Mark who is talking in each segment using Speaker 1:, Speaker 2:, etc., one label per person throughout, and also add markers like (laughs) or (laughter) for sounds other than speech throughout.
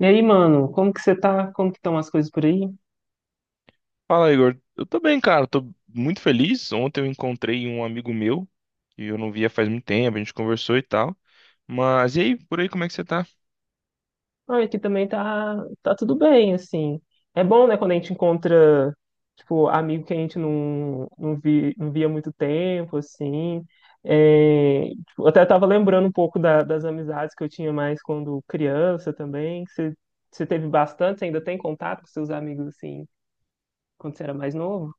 Speaker 1: E aí, mano, como que você tá? Como que estão as coisas por aí?
Speaker 2: Fala, Igor. Eu tô bem, cara. Tô muito feliz. Ontem eu encontrei um amigo meu que eu não via faz muito tempo. A gente conversou e tal. Mas e aí, por aí, como é que você tá?
Speaker 1: Ah, aqui também tá, tá tudo bem, assim. É bom, né, quando a gente encontra, tipo, amigo que a gente não via há muito tempo, assim. É, tipo, eu até tava lembrando um pouco das amizades que eu tinha mais quando criança também. Você teve bastante? Você ainda tem contato com seus amigos, assim, quando você era mais novo?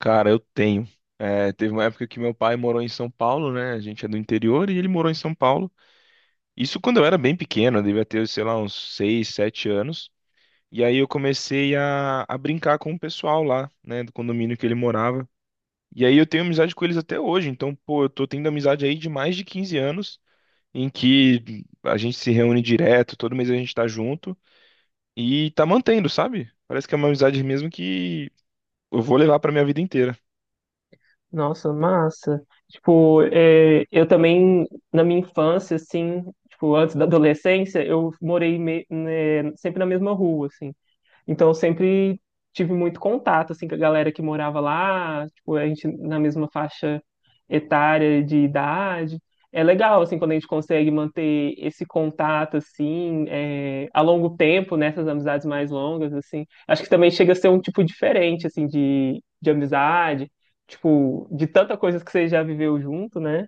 Speaker 2: Cara, eu tenho. É, teve uma época que meu pai morou em São Paulo, né? A gente é do interior e ele morou em São Paulo. Isso quando eu era bem pequeno, eu devia ter, sei lá, uns 6, 7 anos. E aí eu comecei a brincar com o pessoal lá, né, do condomínio que ele morava. E aí eu tenho amizade com eles até hoje. Então, pô, eu tô tendo amizade aí de mais de 15 anos, em que a gente se reúne direto, todo mês a gente tá junto e tá mantendo, sabe? Parece que é uma amizade mesmo que eu vou levar pra minha vida inteira.
Speaker 1: Nossa, massa. Tipo, é, eu também, na minha infância, assim, tipo, antes da adolescência, eu né, sempre na mesma rua, assim. Então eu sempre tive muito contato assim com a galera que morava lá, tipo, a gente na mesma faixa etária de idade. É legal assim quando a gente consegue manter esse contato assim é, a longo tempo nessas amizades mais longas assim. Acho que também chega a ser um tipo diferente assim de amizade, tipo, de tanta coisa que você já viveu junto, né?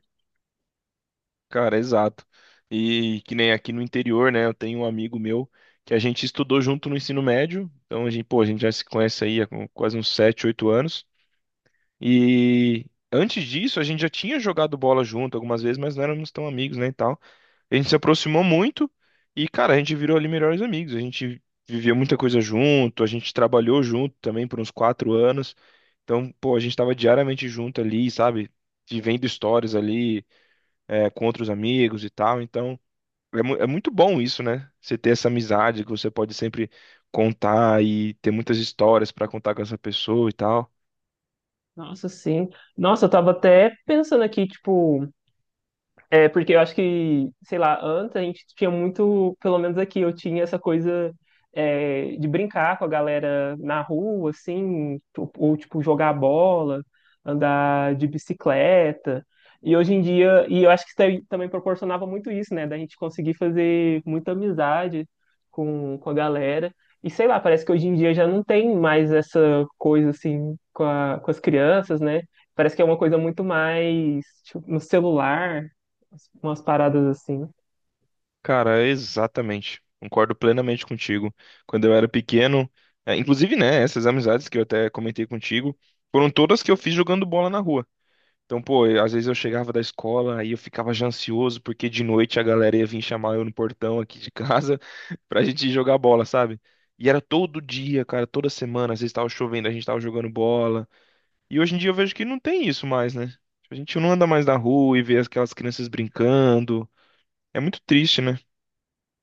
Speaker 2: Cara, exato. E que nem aqui no interior, né? Eu tenho um amigo meu que a gente estudou junto no ensino médio. Então a gente, pô, a gente já se conhece aí há quase uns 7 ou 8 anos. E antes disso, a gente já tinha jogado bola junto algumas vezes, mas não éramos tão amigos, né, e tal. A gente se aproximou muito e, cara, a gente virou ali melhores amigos. A gente vivia muita coisa junto, a gente trabalhou junto também por uns 4 anos. Então, pô, a gente tava diariamente junto ali, sabe? Vivendo histórias ali, com outros amigos e tal. Então, é muito bom isso, né? Você ter essa amizade que você pode sempre contar e ter muitas histórias pra contar com essa pessoa e tal.
Speaker 1: Nossa, sim. Nossa, eu tava até pensando aqui, tipo, é, porque eu acho que, sei lá, antes a gente tinha muito, pelo menos aqui, eu tinha essa coisa é, de brincar com a galera na rua, assim, ou, tipo, jogar bola, andar de bicicleta. E hoje em dia, e eu acho que isso daí também proporcionava muito isso, né? Da gente conseguir fazer muita amizade com a galera. E sei lá, parece que hoje em dia já não tem mais essa coisa, assim, com com as crianças, né? Parece que é uma coisa muito mais, tipo, no celular umas paradas assim.
Speaker 2: Cara, é exatamente. Concordo plenamente contigo. Quando eu era pequeno, inclusive, né, essas amizades que eu até comentei contigo, foram todas que eu fiz jogando bola na rua. Então, pô, às vezes eu chegava da escola aí eu ficava já ansioso porque de noite a galera ia vir chamar eu no portão aqui de casa (laughs) pra gente ir jogar bola, sabe? E era todo dia, cara, toda semana, às vezes tava chovendo, a gente tava jogando bola. E hoje em dia eu vejo que não tem isso mais, né? A gente não anda mais na rua e vê aquelas crianças brincando. É muito triste, né?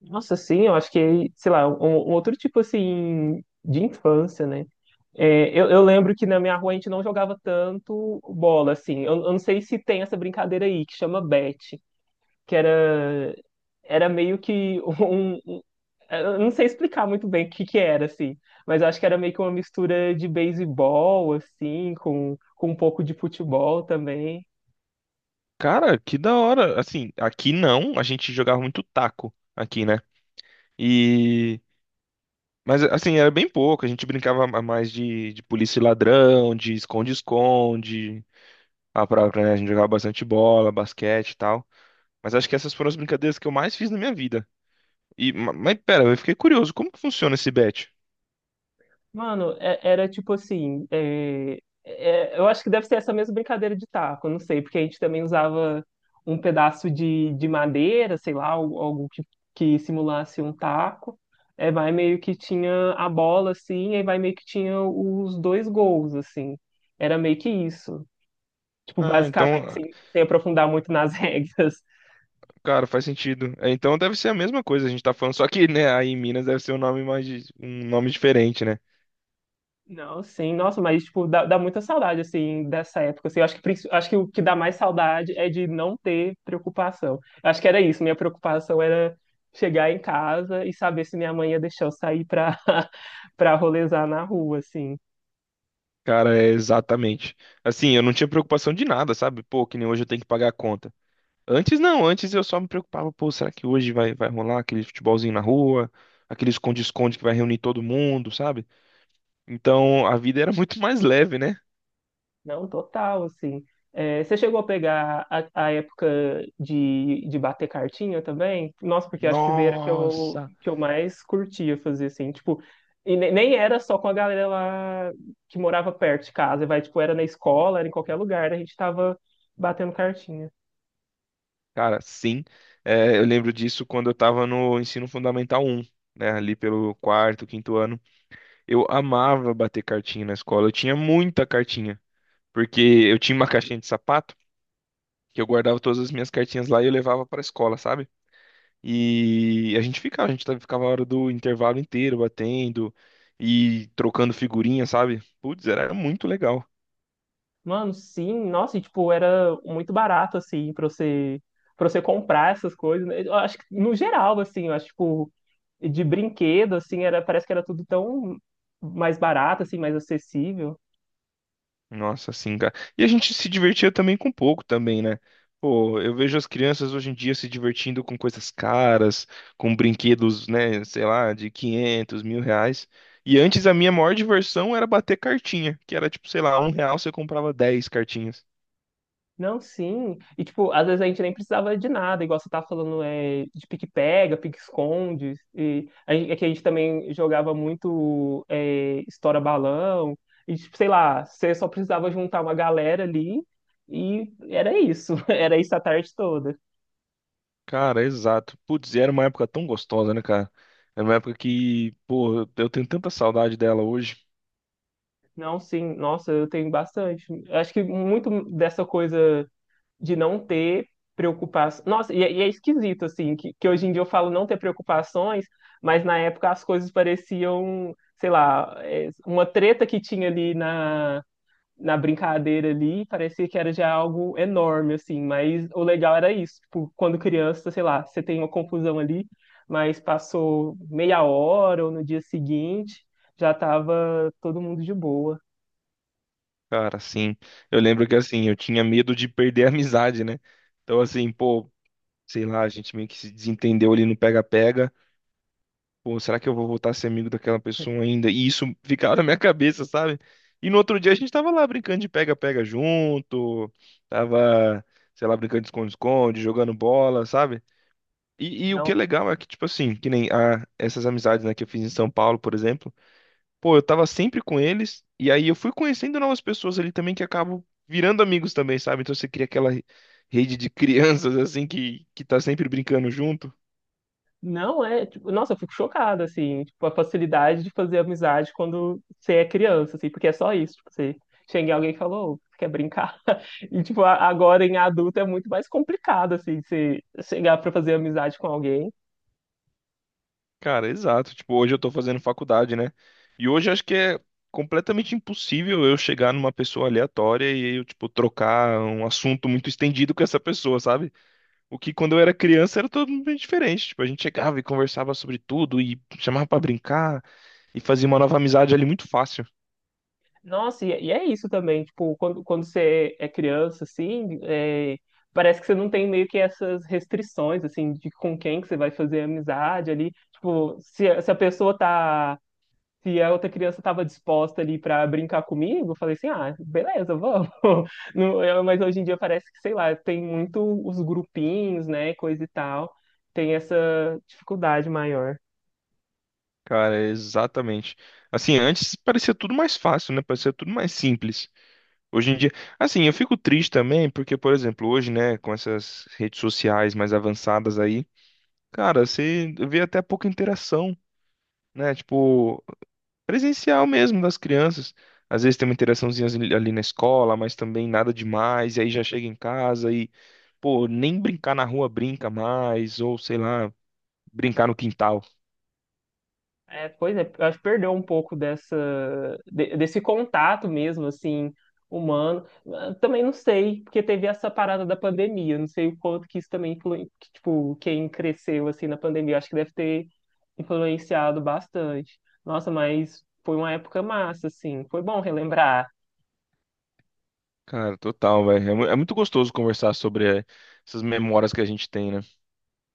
Speaker 1: Nossa, sim, eu acho que, sei lá, um outro tipo assim de infância, né? É, eu lembro que na minha rua a gente não jogava tanto bola, assim. Eu não sei se tem essa brincadeira aí, que chama bet, que era, era meio que (laughs) eu não sei explicar muito bem o que que era, assim. Mas eu acho que era meio que uma mistura de beisebol, assim, com um pouco de futebol também.
Speaker 2: Cara, que da hora. Assim, aqui não, a gente jogava muito taco aqui, né? E. Mas assim, era bem pouco. A gente brincava mais de polícia e ladrão, de esconde-esconde, a própria, né? A gente jogava bastante bola, basquete e tal. Mas acho que essas foram as brincadeiras que eu mais fiz na minha vida. E, mas pera, eu fiquei curioso, como que funciona esse bet?
Speaker 1: Mano, era tipo assim. Eu acho que deve ser essa mesma brincadeira de taco, eu não sei, porque a gente também usava um pedaço de madeira, sei lá, algo que simulasse um taco. É, vai meio que tinha a bola, assim, e vai meio que tinha os dois gols, assim. Era meio que isso. Tipo,
Speaker 2: Ah, então,
Speaker 1: basicamente, sem aprofundar muito nas (laughs) regras.
Speaker 2: cara, faz sentido. É, então deve ser a mesma coisa, a gente tá falando, só que, né, aí em Minas deve ser um nome mais, um nome diferente, né?
Speaker 1: Não, sim, nossa, mas tipo, dá muita saudade assim dessa época. Assim, eu acho que acho que o que dá mais saudade é de não ter preocupação. Eu acho que era isso, minha preocupação era chegar em casa e saber se minha mãe ia deixar eu sair pra (laughs) para rolezar na rua assim.
Speaker 2: Cara, é exatamente. Assim, eu não tinha preocupação de nada, sabe? Pô, que nem hoje eu tenho que pagar a conta. Antes não, antes eu só me preocupava, pô, será que hoje vai rolar aquele futebolzinho na rua, aquele esconde-esconde que vai reunir todo mundo, sabe? Então a vida era (laughs) muito mais leve, né?
Speaker 1: Não, total, assim. É, você chegou a pegar a época de bater cartinha também? Nossa, porque acho que era
Speaker 2: Nossa!
Speaker 1: que eu mais curtia fazer, assim, tipo, e nem era só com a galera lá que morava perto de casa, vai, tipo, era na escola, era em qualquer lugar, a gente tava batendo cartinha.
Speaker 2: Cara, sim. É, eu lembro disso quando eu tava no ensino fundamental um, né? Ali pelo quarto, quinto ano. Eu amava bater cartinha na escola, eu tinha muita cartinha. Porque eu tinha uma caixinha de sapato que eu guardava todas as minhas cartinhas lá e eu levava pra escola, sabe? E a gente ficava, ficava a hora do intervalo inteiro batendo e trocando figurinha, sabe? Putz, era muito legal.
Speaker 1: Mano, sim, nossa, e, tipo, era muito barato, assim, pra você comprar essas coisas, né? Eu acho que, no geral, assim, eu acho, tipo, de brinquedo, assim, era, parece que era tudo tão mais barato, assim, mais acessível.
Speaker 2: Nossa, assim, cara. E a gente se divertia também com pouco também, né? Pô, eu vejo as crianças hoje em dia se divertindo com coisas caras, com brinquedos, né, sei lá, de 500, 1.000 reais. E antes a minha maior diversão era bater cartinha, que era tipo, sei lá, R$ 1 você comprava 10 cartinhas.
Speaker 1: Não, sim. E, tipo, às vezes a gente nem precisava de nada, igual você tava falando, é, de pique-pega, pique-esconde. E a gente, é que a gente também jogava muito é, estoura-balão. E, tipo, sei lá, você só precisava juntar uma galera ali e era isso. (laughs) Era isso a tarde toda.
Speaker 2: Cara, exato. Putz, e era uma época tão gostosa, né, cara? Era uma época que, pô, eu tenho tanta saudade dela hoje.
Speaker 1: Não, sim. Nossa, eu tenho bastante. Acho que muito dessa coisa de não ter preocupações. Nossa, e é esquisito, assim, que hoje em dia eu falo não ter preocupações, mas na época as coisas pareciam, sei lá, é, uma treta que tinha ali na, na brincadeira ali, parecia que era já algo enorme, assim, mas o legal era isso, tipo, quando criança, sei lá, você tem uma confusão ali, mas passou meia hora ou no dia seguinte, já tava todo mundo de boa.
Speaker 2: Cara, assim, eu lembro que, assim, eu tinha medo de perder a amizade, né? Então, assim, pô, sei lá, a gente meio que se desentendeu ali no pega-pega. Pô, será que eu vou voltar a ser amigo daquela pessoa ainda? E isso (laughs) ficava na minha cabeça, sabe? E no outro dia a gente tava lá brincando de pega-pega junto, tava, sei lá, brincando de esconde-esconde, jogando bola, sabe? E o que é
Speaker 1: Não,
Speaker 2: legal é que, tipo assim, que nem essas amizades, né, que eu fiz em São Paulo, por exemplo, pô, eu tava sempre com eles, e aí eu fui conhecendo novas pessoas ali também que acabam virando amigos também, sabe? Então você cria aquela rede de crianças, assim, que tá sempre brincando junto.
Speaker 1: não é, tipo, nossa, eu fico chocada, assim, tipo, a facilidade de fazer amizade quando você é criança, assim, porque é só isso, tipo, você chega em alguém e fala, ô, você quer brincar? (laughs) E, tipo, agora em adulto é muito mais complicado, assim, você chegar pra fazer amizade com alguém.
Speaker 2: Cara, exato. Tipo, hoje eu tô fazendo faculdade, né? E hoje eu acho que é completamente impossível eu chegar numa pessoa aleatória e eu, tipo, trocar um assunto muito estendido com essa pessoa, sabe? O que quando eu era criança era todo mundo bem diferente. Tipo, a gente chegava e conversava sobre tudo e chamava pra brincar e fazia uma nova amizade ali muito fácil.
Speaker 1: Nossa, e é isso também, tipo, quando você é criança, assim, é, parece que você não tem meio que essas restrições, assim, de com quem que você vai fazer amizade ali, tipo, se a pessoa tá se a outra criança estava disposta ali para brincar comigo, eu falei assim, ah, beleza, vamos. (laughs) Não, eu- Mas hoje em dia parece que, sei lá, tem muito os grupinhos, né, coisa e tal, tem essa dificuldade maior.
Speaker 2: Cara, exatamente. Assim, antes parecia tudo mais fácil, né? Parecia tudo mais simples. Hoje em dia, assim, eu fico triste também porque, por exemplo, hoje, né, com essas redes sociais mais avançadas aí, cara, você vê até pouca interação, né? Tipo, presencial mesmo das crianças. Às vezes tem uma interaçãozinha ali na escola, mas também nada demais, e aí já chega em casa e, pô, nem brincar na rua brinca mais, ou sei lá, brincar no quintal.
Speaker 1: É, pois é, eu acho que perdeu um pouco dessa, desse contato mesmo, assim, humano. Ah, também não sei, porque teve essa parada da pandemia, não sei o quanto que isso também que, tipo, quem cresceu, assim, na pandemia, eu acho que deve ter influenciado bastante. Nossa, mas foi uma época massa, assim, foi bom relembrar,
Speaker 2: Cara, total, velho. É muito gostoso conversar sobre essas memórias que a gente tem, né?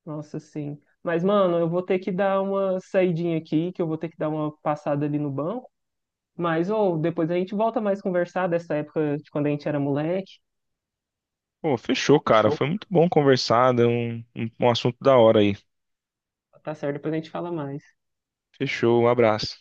Speaker 1: nossa, sim. Mas, mano, eu vou ter que dar uma saidinha aqui, que eu vou ter que dar uma passada ali no banco, mas, ou, depois a gente volta mais conversar dessa época de quando a gente era moleque.
Speaker 2: Pô, fechou, cara. Foi muito bom conversar, deu um assunto da hora aí.
Speaker 1: Tá certo, depois a gente fala mais.
Speaker 2: Fechou, um abraço.